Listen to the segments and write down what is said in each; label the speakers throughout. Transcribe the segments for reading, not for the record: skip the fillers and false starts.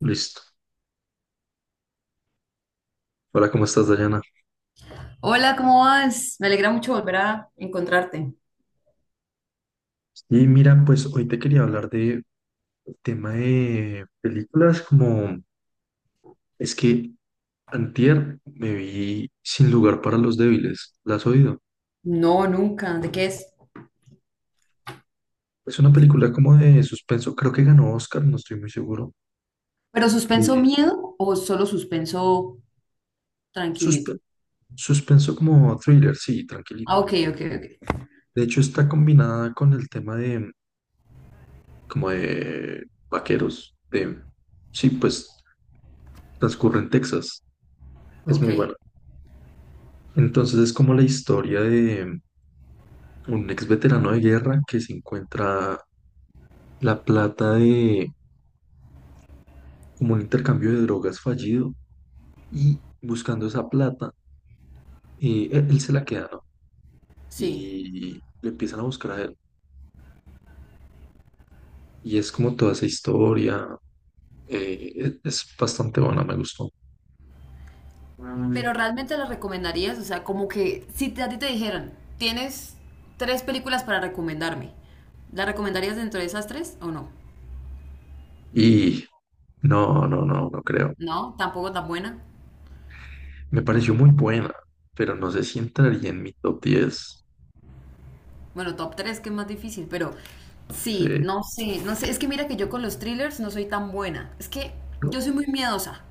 Speaker 1: Listo. Hola, ¿cómo estás, Dayana?
Speaker 2: Hola, ¿cómo vas? Me alegra mucho volver a encontrarte.
Speaker 1: Y mira, pues hoy te quería hablar de tema de películas, como es que antier me vi Sin lugar para los débiles. ¿La has oído?
Speaker 2: No, nunca. ¿De qué es?
Speaker 1: Es una película como de suspenso, creo que ganó Oscar, no estoy muy seguro.
Speaker 2: ¿Pero suspenso
Speaker 1: De
Speaker 2: miedo o solo suspenso tranquilito?
Speaker 1: suspe- suspenso como thriller, sí, tranquilito.
Speaker 2: Ah, ok, ok, ok.
Speaker 1: De hecho, está combinada con el tema de como de vaqueros, de sí, pues transcurre en Texas. Es
Speaker 2: Ok,
Speaker 1: muy buena. Entonces es como la historia de un ex veterano de guerra que se encuentra la plata de como un intercambio de drogas fallido y buscando esa plata, él se la queda, ¿no?
Speaker 2: sí.
Speaker 1: Y le empiezan a buscar a él. Y es como toda esa historia, es bastante buena, me gustó.
Speaker 2: Pero
Speaker 1: Mm.
Speaker 2: realmente las recomendarías, o sea, como que si a ti te dijeran, tienes tres películas para recomendarme, ¿las recomendarías dentro de esas tres o no?
Speaker 1: Y no, no, no, no creo.
Speaker 2: No, tampoco tan buena.
Speaker 1: Me pareció muy buena, pero no sé si entraría en mi top 10.
Speaker 2: Bueno, top 3, que es más difícil, pero sí,
Speaker 1: Sí,
Speaker 2: no sé, no sé, es que mira que yo con los thrillers no soy tan buena. Es que
Speaker 1: no,
Speaker 2: yo soy muy miedosa.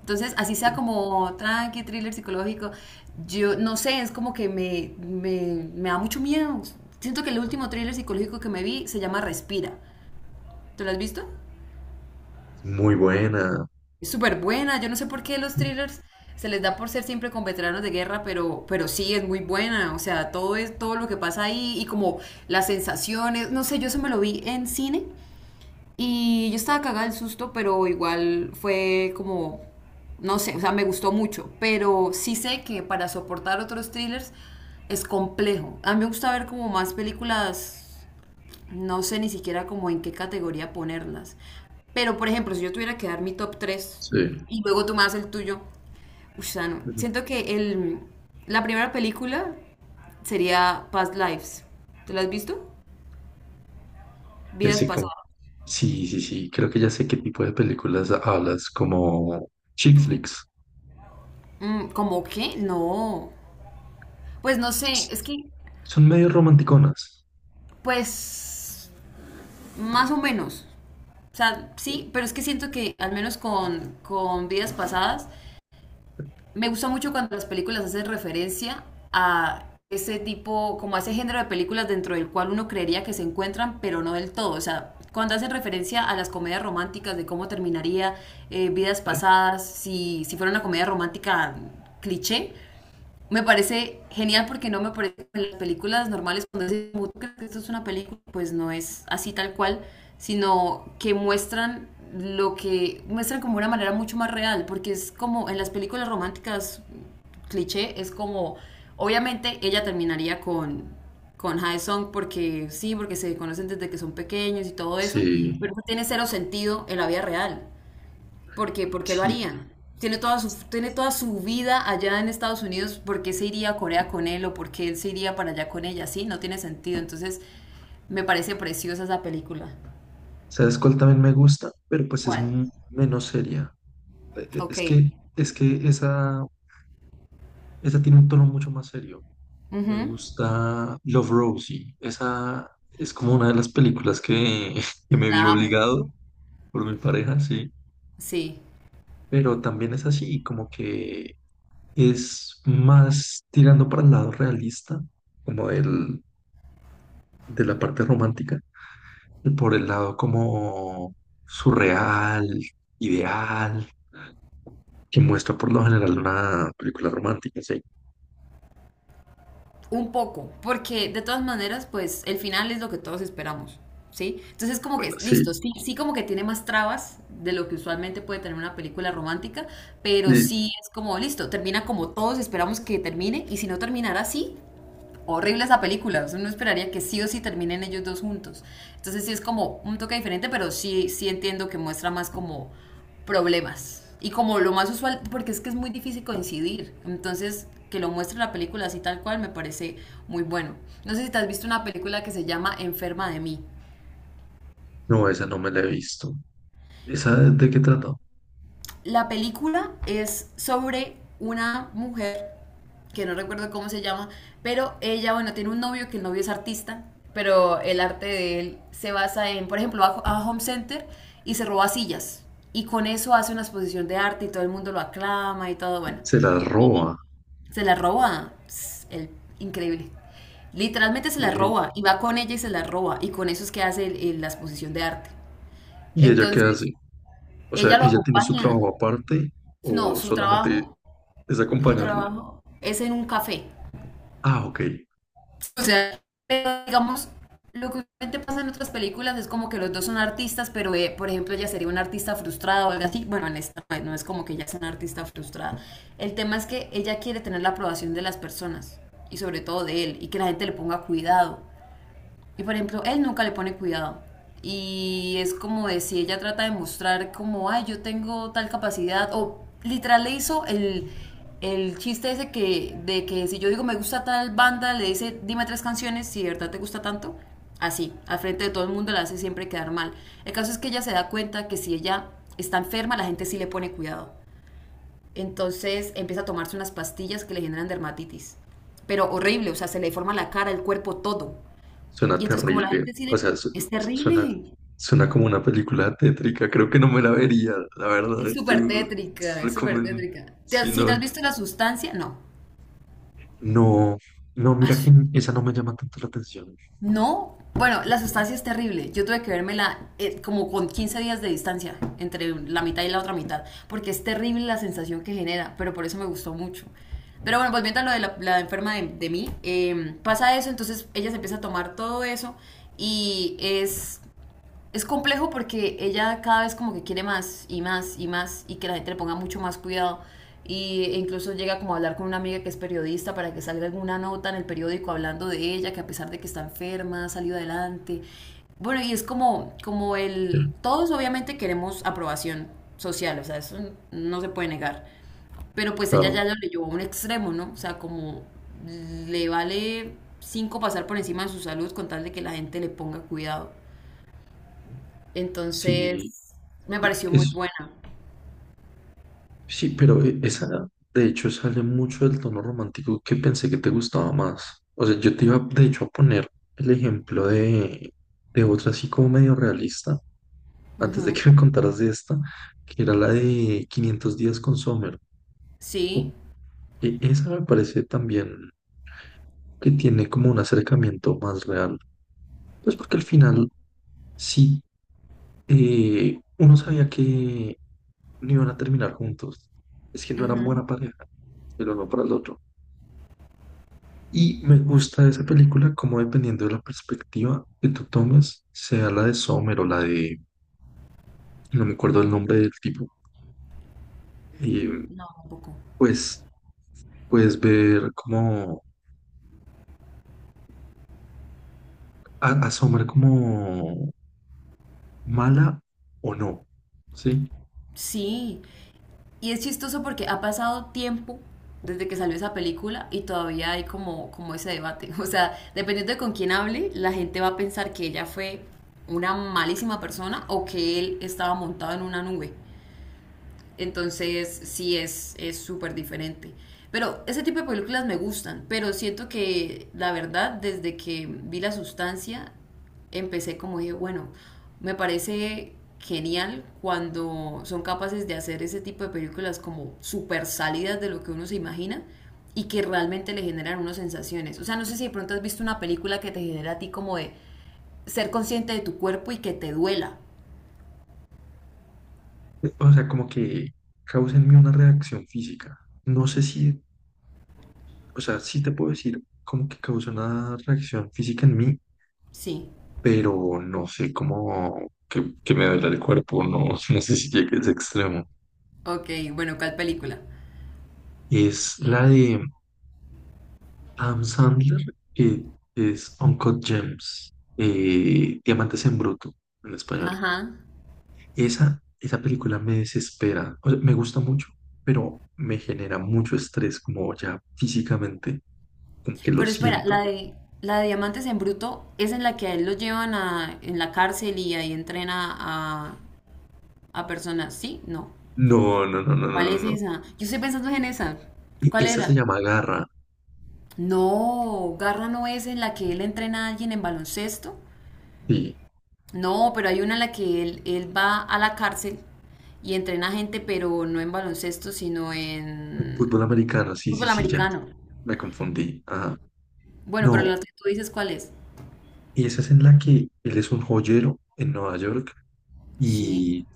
Speaker 2: Entonces, así sea
Speaker 1: sí.
Speaker 2: como tranqui, thriller psicológico, yo no sé, es como que me da mucho miedo. Siento que el último thriller psicológico que me vi se llama Respira. ¿Tú lo has visto?
Speaker 1: Muy buena.
Speaker 2: Es súper buena. Yo no sé por qué los thrillers se les da por ser siempre con veteranos de guerra, pero sí es muy buena. O sea, todo lo que pasa ahí y como las sensaciones. No sé, yo eso me lo vi en cine y yo estaba cagada del susto, pero igual fue como, no sé, o sea, me gustó mucho. Pero sí sé que para soportar otros thrillers es complejo. A mí me gusta ver como más películas, no sé ni siquiera como en qué categoría ponerlas. Pero, por ejemplo, si yo tuviera que dar mi top tres
Speaker 1: Sí.
Speaker 2: y luego tú me das el tuyo, uy, sano.
Speaker 1: Ujú.
Speaker 2: Siento que el, la primera película sería Past Lives. ¿Te la has visto?
Speaker 1: Ya
Speaker 2: Vidas
Speaker 1: sé cómo.
Speaker 2: pasadas.
Speaker 1: Sí, sí, sí. Creo que ya sé qué tipo de películas hablas, como chick flicks.
Speaker 2: Mm, ¿cómo qué? No. Pues no sé,
Speaker 1: S-
Speaker 2: es que,
Speaker 1: Son medio romanticonas.
Speaker 2: pues, más o menos. O sea, sí, pero es que siento que al menos con, vidas pasadas me gusta mucho cuando las películas hacen referencia a ese tipo, como a ese género de películas dentro del cual uno creería que se encuentran, pero no del todo. O sea, cuando hacen referencia a las comedias románticas, de cómo terminaría vidas
Speaker 1: Eh,
Speaker 2: pasadas, si fuera una comedia romántica cliché, me parece genial porque no me parece en las películas normales cuando dicen, "¿Tú crees que esto es una película?". Pues no es así tal cual, sino que muestran lo que muestran como una manera mucho más real, porque es como en las películas románticas cliché, es como, obviamente ella terminaría con Haesung porque sí, porque se conocen desde que son pequeños y todo
Speaker 1: Sí,
Speaker 2: eso, pero no tiene cero sentido en la vida real. ¿Por qué? ¿Por qué lo
Speaker 1: sí.
Speaker 2: harían? Tiene toda su vida allá en Estados Unidos, ¿por qué se iría a Corea con él o por qué él se iría para allá con ella? Sí, no tiene sentido. Entonces, me parece preciosa esa película.
Speaker 1: ¿Sabes cuál también me gusta? Pero pues es
Speaker 2: ¿Cuál?
Speaker 1: menos seria. Eh, eh,
Speaker 2: Ok.
Speaker 1: Es que, es que esa tiene un tono mucho más serio. Me
Speaker 2: Ujú.
Speaker 1: gusta Love, Rosie. Esa es como una de las películas que, que me vi
Speaker 2: La amo.
Speaker 1: obligado por mi pareja, sí.
Speaker 2: Sí.
Speaker 1: Pero también es así, como que es más tirando para el lado realista, como del, de la parte romántica, y por el lado como surreal, ideal, que muestra por lo general una película romántica, sí.
Speaker 2: Un poco, porque de todas maneras, pues el final es lo que todos esperamos, ¿sí? Entonces, como
Speaker 1: Bueno,
Speaker 2: que,
Speaker 1: sí.
Speaker 2: listo, sí, sí como que tiene más trabas de lo que usualmente puede tener una película romántica, pero
Speaker 1: Y
Speaker 2: sí es como, listo, termina como todos esperamos que termine, y si no terminara así, horrible esa película. Uno esperaría que sí o sí terminen ellos dos juntos. Entonces sí es como un toque diferente, pero sí, sí entiendo que muestra más como problemas. Y como lo más usual, porque es que es muy difícil coincidir. Entonces, que lo muestre la película así tal cual me parece muy bueno. No sé si te has visto una película que se llama Enferma de mí.
Speaker 1: no, esa no me la he visto. ¿Esa de qué trata?
Speaker 2: La película es sobre una mujer que no recuerdo cómo se llama, pero ella, bueno, tiene un novio que el novio es artista, pero el arte de él se basa en, por ejemplo, va a Home Center y se roba sillas. Y con eso hace una exposición de arte y todo el mundo lo aclama y todo, bueno.
Speaker 1: Se la
Speaker 2: Y
Speaker 1: roba.
Speaker 2: se la roba. Pss, el, increíble. Literalmente se la
Speaker 1: Ey.
Speaker 2: roba y va con ella y se la roba. Y con eso es que hace la exposición de arte.
Speaker 1: ¿Y ella qué
Speaker 2: Entonces,
Speaker 1: hace? O sea,
Speaker 2: ella lo
Speaker 1: ¿ella tiene su
Speaker 2: acompaña.
Speaker 1: trabajo aparte
Speaker 2: No,
Speaker 1: o
Speaker 2: su
Speaker 1: solamente
Speaker 2: trabajo
Speaker 1: es
Speaker 2: su
Speaker 1: acompañarlo?
Speaker 2: trabajo es en un café.
Speaker 1: Ah, ok.
Speaker 2: O sea, digamos, lo que usualmente pasa en otras películas es como que los dos son artistas, pero por ejemplo ella sería una artista frustrada o algo así. Bueno, en esta no es como que ella sea una artista frustrada. El tema es que ella quiere tener la aprobación de las personas y sobre todo de él y que la gente le ponga cuidado. Y por ejemplo, él nunca le pone cuidado. Y es como de si ella trata de mostrar como, ay, yo tengo tal capacidad. O literal le hizo el chiste ese que, de que si yo digo me gusta tal banda, le dice, dime tres canciones, si de verdad te gusta tanto. Así, al frente de todo el mundo la hace siempre quedar mal. El caso es que ella se da cuenta que si ella está enferma, la gente sí le pone cuidado. Entonces empieza a tomarse unas pastillas que le generan dermatitis. Pero horrible, o sea, se le deforma la cara, el cuerpo, todo.
Speaker 1: Suena
Speaker 2: Y entonces como la
Speaker 1: terrible,
Speaker 2: gente sí
Speaker 1: o
Speaker 2: le...
Speaker 1: sea,
Speaker 2: Es
Speaker 1: suena,
Speaker 2: terrible.
Speaker 1: suena como una película tétrica, creo que no me la vería, la verdad,
Speaker 2: Es súper
Speaker 1: tú
Speaker 2: tétrica, es súper
Speaker 1: recomiendo,
Speaker 2: tétrica. ¿Te
Speaker 1: si
Speaker 2: has- si te
Speaker 1: no,
Speaker 2: has visto la sustancia, no?
Speaker 1: no, no,
Speaker 2: Ay,
Speaker 1: mira que esa no me llama tanto la atención.
Speaker 2: no. Bueno, la sustancia es terrible. Yo tuve que vérmela como con 15 días de distancia entre la mitad y la otra mitad, porque es terrible la sensación que genera, pero por eso me gustó mucho. Pero bueno, pues mientras lo de la enferma de mí, pasa eso, entonces ella se empieza a tomar todo eso y es complejo porque ella cada vez como que quiere más y más y más y que la gente le ponga mucho más cuidado. E incluso llega como a hablar con una amiga que es periodista para que salga alguna nota en el periódico hablando de ella, que a pesar de que está enferma, ha salido adelante. Bueno, y es como, como
Speaker 1: Ya,
Speaker 2: el... Todos obviamente queremos aprobación social, o sea, eso no se puede negar. Pero pues ella
Speaker 1: claro,
Speaker 2: ya lo llevó a un extremo, ¿no? O sea, como le vale cinco pasar por encima de su salud con tal de que la gente le ponga cuidado.
Speaker 1: sí,
Speaker 2: Entonces, me pareció muy
Speaker 1: es,
Speaker 2: buena.
Speaker 1: sí, pero esa de hecho sale mucho del tono romántico que pensé que te gustaba más. O sea, yo te iba de hecho a poner el ejemplo de otra así como medio realista antes de
Speaker 2: Ujú.
Speaker 1: que me contaras de esta, que era la de 500 días con Summer. O-
Speaker 2: Sí.
Speaker 1: Esa me parece también que tiene como un acercamiento más real. Pues porque al final sí, uno sabía que no iban a terminar juntos. Es que no eran
Speaker 2: Ujú.
Speaker 1: buena pareja, el uno para el otro. Y me gusta de esa película como dependiendo de la perspectiva que tú tomes, sea la de Sommer o la de, no me acuerdo el nombre del tipo, eh,
Speaker 2: No, tampoco.
Speaker 1: pues puedes ver como asombra como mala o no, ¿sí?
Speaker 2: Sí. Y es chistoso porque ha pasado tiempo desde que salió esa película y todavía hay como, como ese debate. O sea, dependiendo de con quién hable, la gente va a pensar que ella fue una malísima persona o que él estaba montado en una nube. Entonces sí es súper diferente. Pero ese tipo de películas me gustan, pero siento que la verdad desde que vi La Sustancia empecé como dije, bueno, me parece genial cuando son capaces de hacer ese tipo de películas como súper salidas de lo que uno se imagina y que realmente le generan unas sensaciones. O sea, no sé si de pronto has visto una película que te genera a ti como de ser consciente de tu cuerpo y que te duela.
Speaker 1: O sea, como que causa en mí una reacción física. No sé si, o sea, sí te puedo decir como que causa una reacción física en mí,
Speaker 2: Sí.
Speaker 1: pero no sé cómo que me duele el cuerpo, no, no sé si llegue a ese extremo.
Speaker 2: Ok, bueno, ¿cuál película?
Speaker 1: Es la de Adam Sandler, que es Uncut Gems, Diamantes en Bruto en español.
Speaker 2: Ajá.
Speaker 1: Esa película me desespera. O sea, me gusta mucho, pero me genera mucho estrés, como ya físicamente, como que lo
Speaker 2: Pero espera,
Speaker 1: siento.
Speaker 2: la de Diamantes en Bruto es en la que a él lo llevan a, en la cárcel y ahí entrena a personas. ¿Sí? No.
Speaker 1: No, no, no, no, no,
Speaker 2: ¿Cuál
Speaker 1: no,
Speaker 2: es
Speaker 1: no.
Speaker 2: esa? Yo estoy pensando en esa.
Speaker 1: Y
Speaker 2: ¿Cuál
Speaker 1: esa se
Speaker 2: era?
Speaker 1: llama Garra.
Speaker 2: No, Garra no es en la que él entrena a alguien en baloncesto.
Speaker 1: Sí,
Speaker 2: No, pero hay una en la que él va a la cárcel y entrena gente, pero no en baloncesto, sino en
Speaker 1: fútbol americano, sí, sí,
Speaker 2: fútbol
Speaker 1: sí, ya.
Speaker 2: americano.
Speaker 1: Me confundí. Ajá.
Speaker 2: Bueno, pero
Speaker 1: No,
Speaker 2: la que tú dices, ¿cuál es?
Speaker 1: y esa es en la que él es un joyero en Nueva York
Speaker 2: Sí,
Speaker 1: y,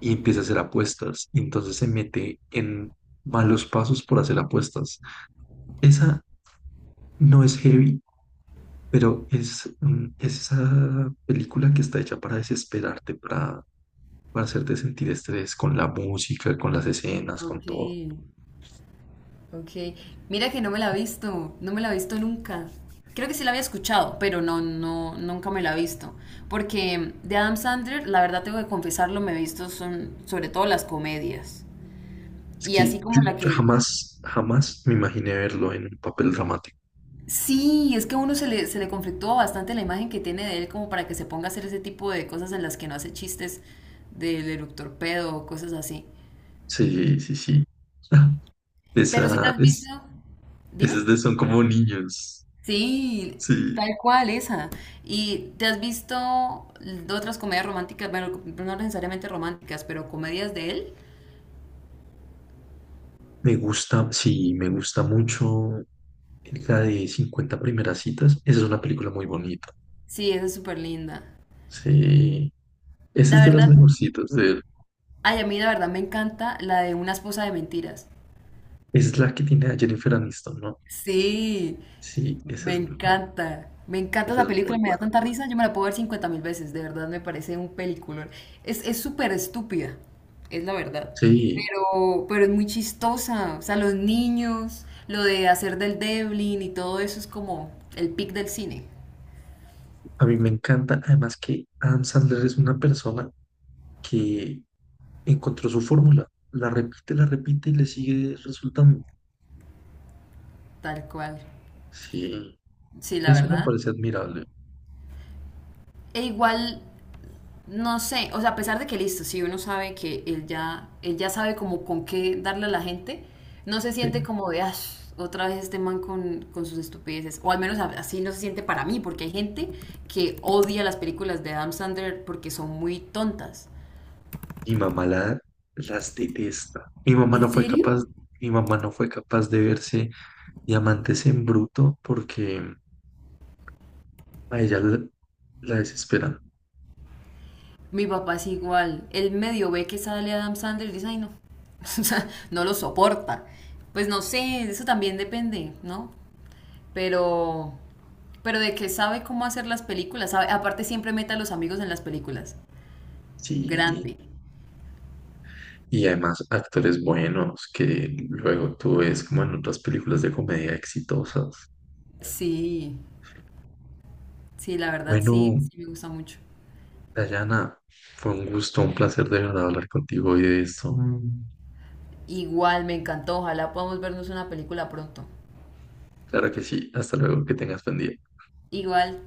Speaker 1: y empieza a hacer apuestas. Y entonces se mete en malos pasos por hacer apuestas. Esa no es heavy. Pero es, mm, es esa película que está hecha para desesperarte, para hacerte sentir estrés con la música, con las escenas, con
Speaker 2: ok.
Speaker 1: todo.
Speaker 2: Ok, mira que no me la he visto, no me la he visto nunca. Creo que sí la había escuchado, pero no, no, nunca me la he visto. Porque de Adam Sandler, la verdad tengo que confesarlo, me he visto son, sobre todo las comedias.
Speaker 1: Es
Speaker 2: Y así
Speaker 1: que yo
Speaker 2: como la
Speaker 1: yo
Speaker 2: que...
Speaker 1: jamás, jamás me imaginé verlo en un papel dramático.
Speaker 2: Sí, es que a uno se le conflictúa bastante la imagen que tiene de él como para que se ponga a hacer ese tipo de cosas en las que no hace chistes del eructor pedo o cosas así.
Speaker 1: Sí, sí, sí. Ah,
Speaker 2: Pero si te
Speaker 1: esa
Speaker 2: has visto...
Speaker 1: es,
Speaker 2: Dime.
Speaker 1: esas de son como niños.
Speaker 2: Sí,
Speaker 1: Sí.
Speaker 2: tal cual esa. ¿Y te has visto de otras comedias románticas? Bueno, no necesariamente románticas, pero comedias de él.
Speaker 1: Me gusta, sí, me gusta mucho la de 50 primeras citas. Esa es una película muy bonita.
Speaker 2: Sí, esa es súper linda.
Speaker 1: Sí. Esa
Speaker 2: La
Speaker 1: es de las
Speaker 2: verdad,
Speaker 1: mejorcitas de él.
Speaker 2: ay, a mí la verdad me encanta la de Una esposa de mentiras.
Speaker 1: Esa es la que tiene a Jennifer Aniston, ¿no?
Speaker 2: Sí,
Speaker 1: Sí,
Speaker 2: me encanta. Me encanta
Speaker 1: esa
Speaker 2: esa
Speaker 1: es
Speaker 2: película,
Speaker 1: muy
Speaker 2: me da
Speaker 1: buena.
Speaker 2: tanta risa, yo me la puedo ver 50.000 veces, de verdad me parece un peliculón. Es súper estúpida, es la verdad,
Speaker 1: Sí,
Speaker 2: pero es muy chistosa. O sea, los niños, lo de hacer del Devlin y todo eso es como el pic del cine,
Speaker 1: a mí me encanta. Además que Adam Sandler es una persona que encontró su fórmula, la repite y le sigue resultando.
Speaker 2: tal cual.
Speaker 1: Sí,
Speaker 2: Sí, la
Speaker 1: eso me
Speaker 2: verdad.
Speaker 1: parece admirable.
Speaker 2: E igual no sé, o sea, a pesar de que listo, si uno sabe que él ya sabe como con qué darle a la gente, no se siente
Speaker 1: Sí.
Speaker 2: como de, "Ay, otra vez este man con sus estupideces", o al menos así no se siente para mí, porque hay gente que odia las películas de Adam Sandler porque son muy tontas.
Speaker 1: Mi mamá la- las detesta. Mi mamá
Speaker 2: ¿En
Speaker 1: no fue
Speaker 2: serio?
Speaker 1: capaz, mi mamá no fue capaz de verse Diamantes en Bruto porque a ella la, la desesperan.
Speaker 2: Mi papá es igual, él medio ve que sale Adam Sandler y dice, ay no, o sea, no lo soporta. Pues no sé, eso también depende, ¿no? Pero, pero de que sabe cómo hacer las películas, sabe, aparte siempre mete a los amigos en las películas.
Speaker 1: Sí.
Speaker 2: Grande.
Speaker 1: Y además actores buenos que luego tú ves como en otras películas de comedia exitosas.
Speaker 2: Sí, sí, la verdad sí,
Speaker 1: Bueno,
Speaker 2: sí me gusta mucho.
Speaker 1: Dayana, fue un gusto, un placer de verdad hablar contigo hoy de esto. Mm.
Speaker 2: Igual, me encantó, ojalá podamos vernos una película pronto.
Speaker 1: Claro que sí, hasta luego, que tengas buen día.
Speaker 2: Igual.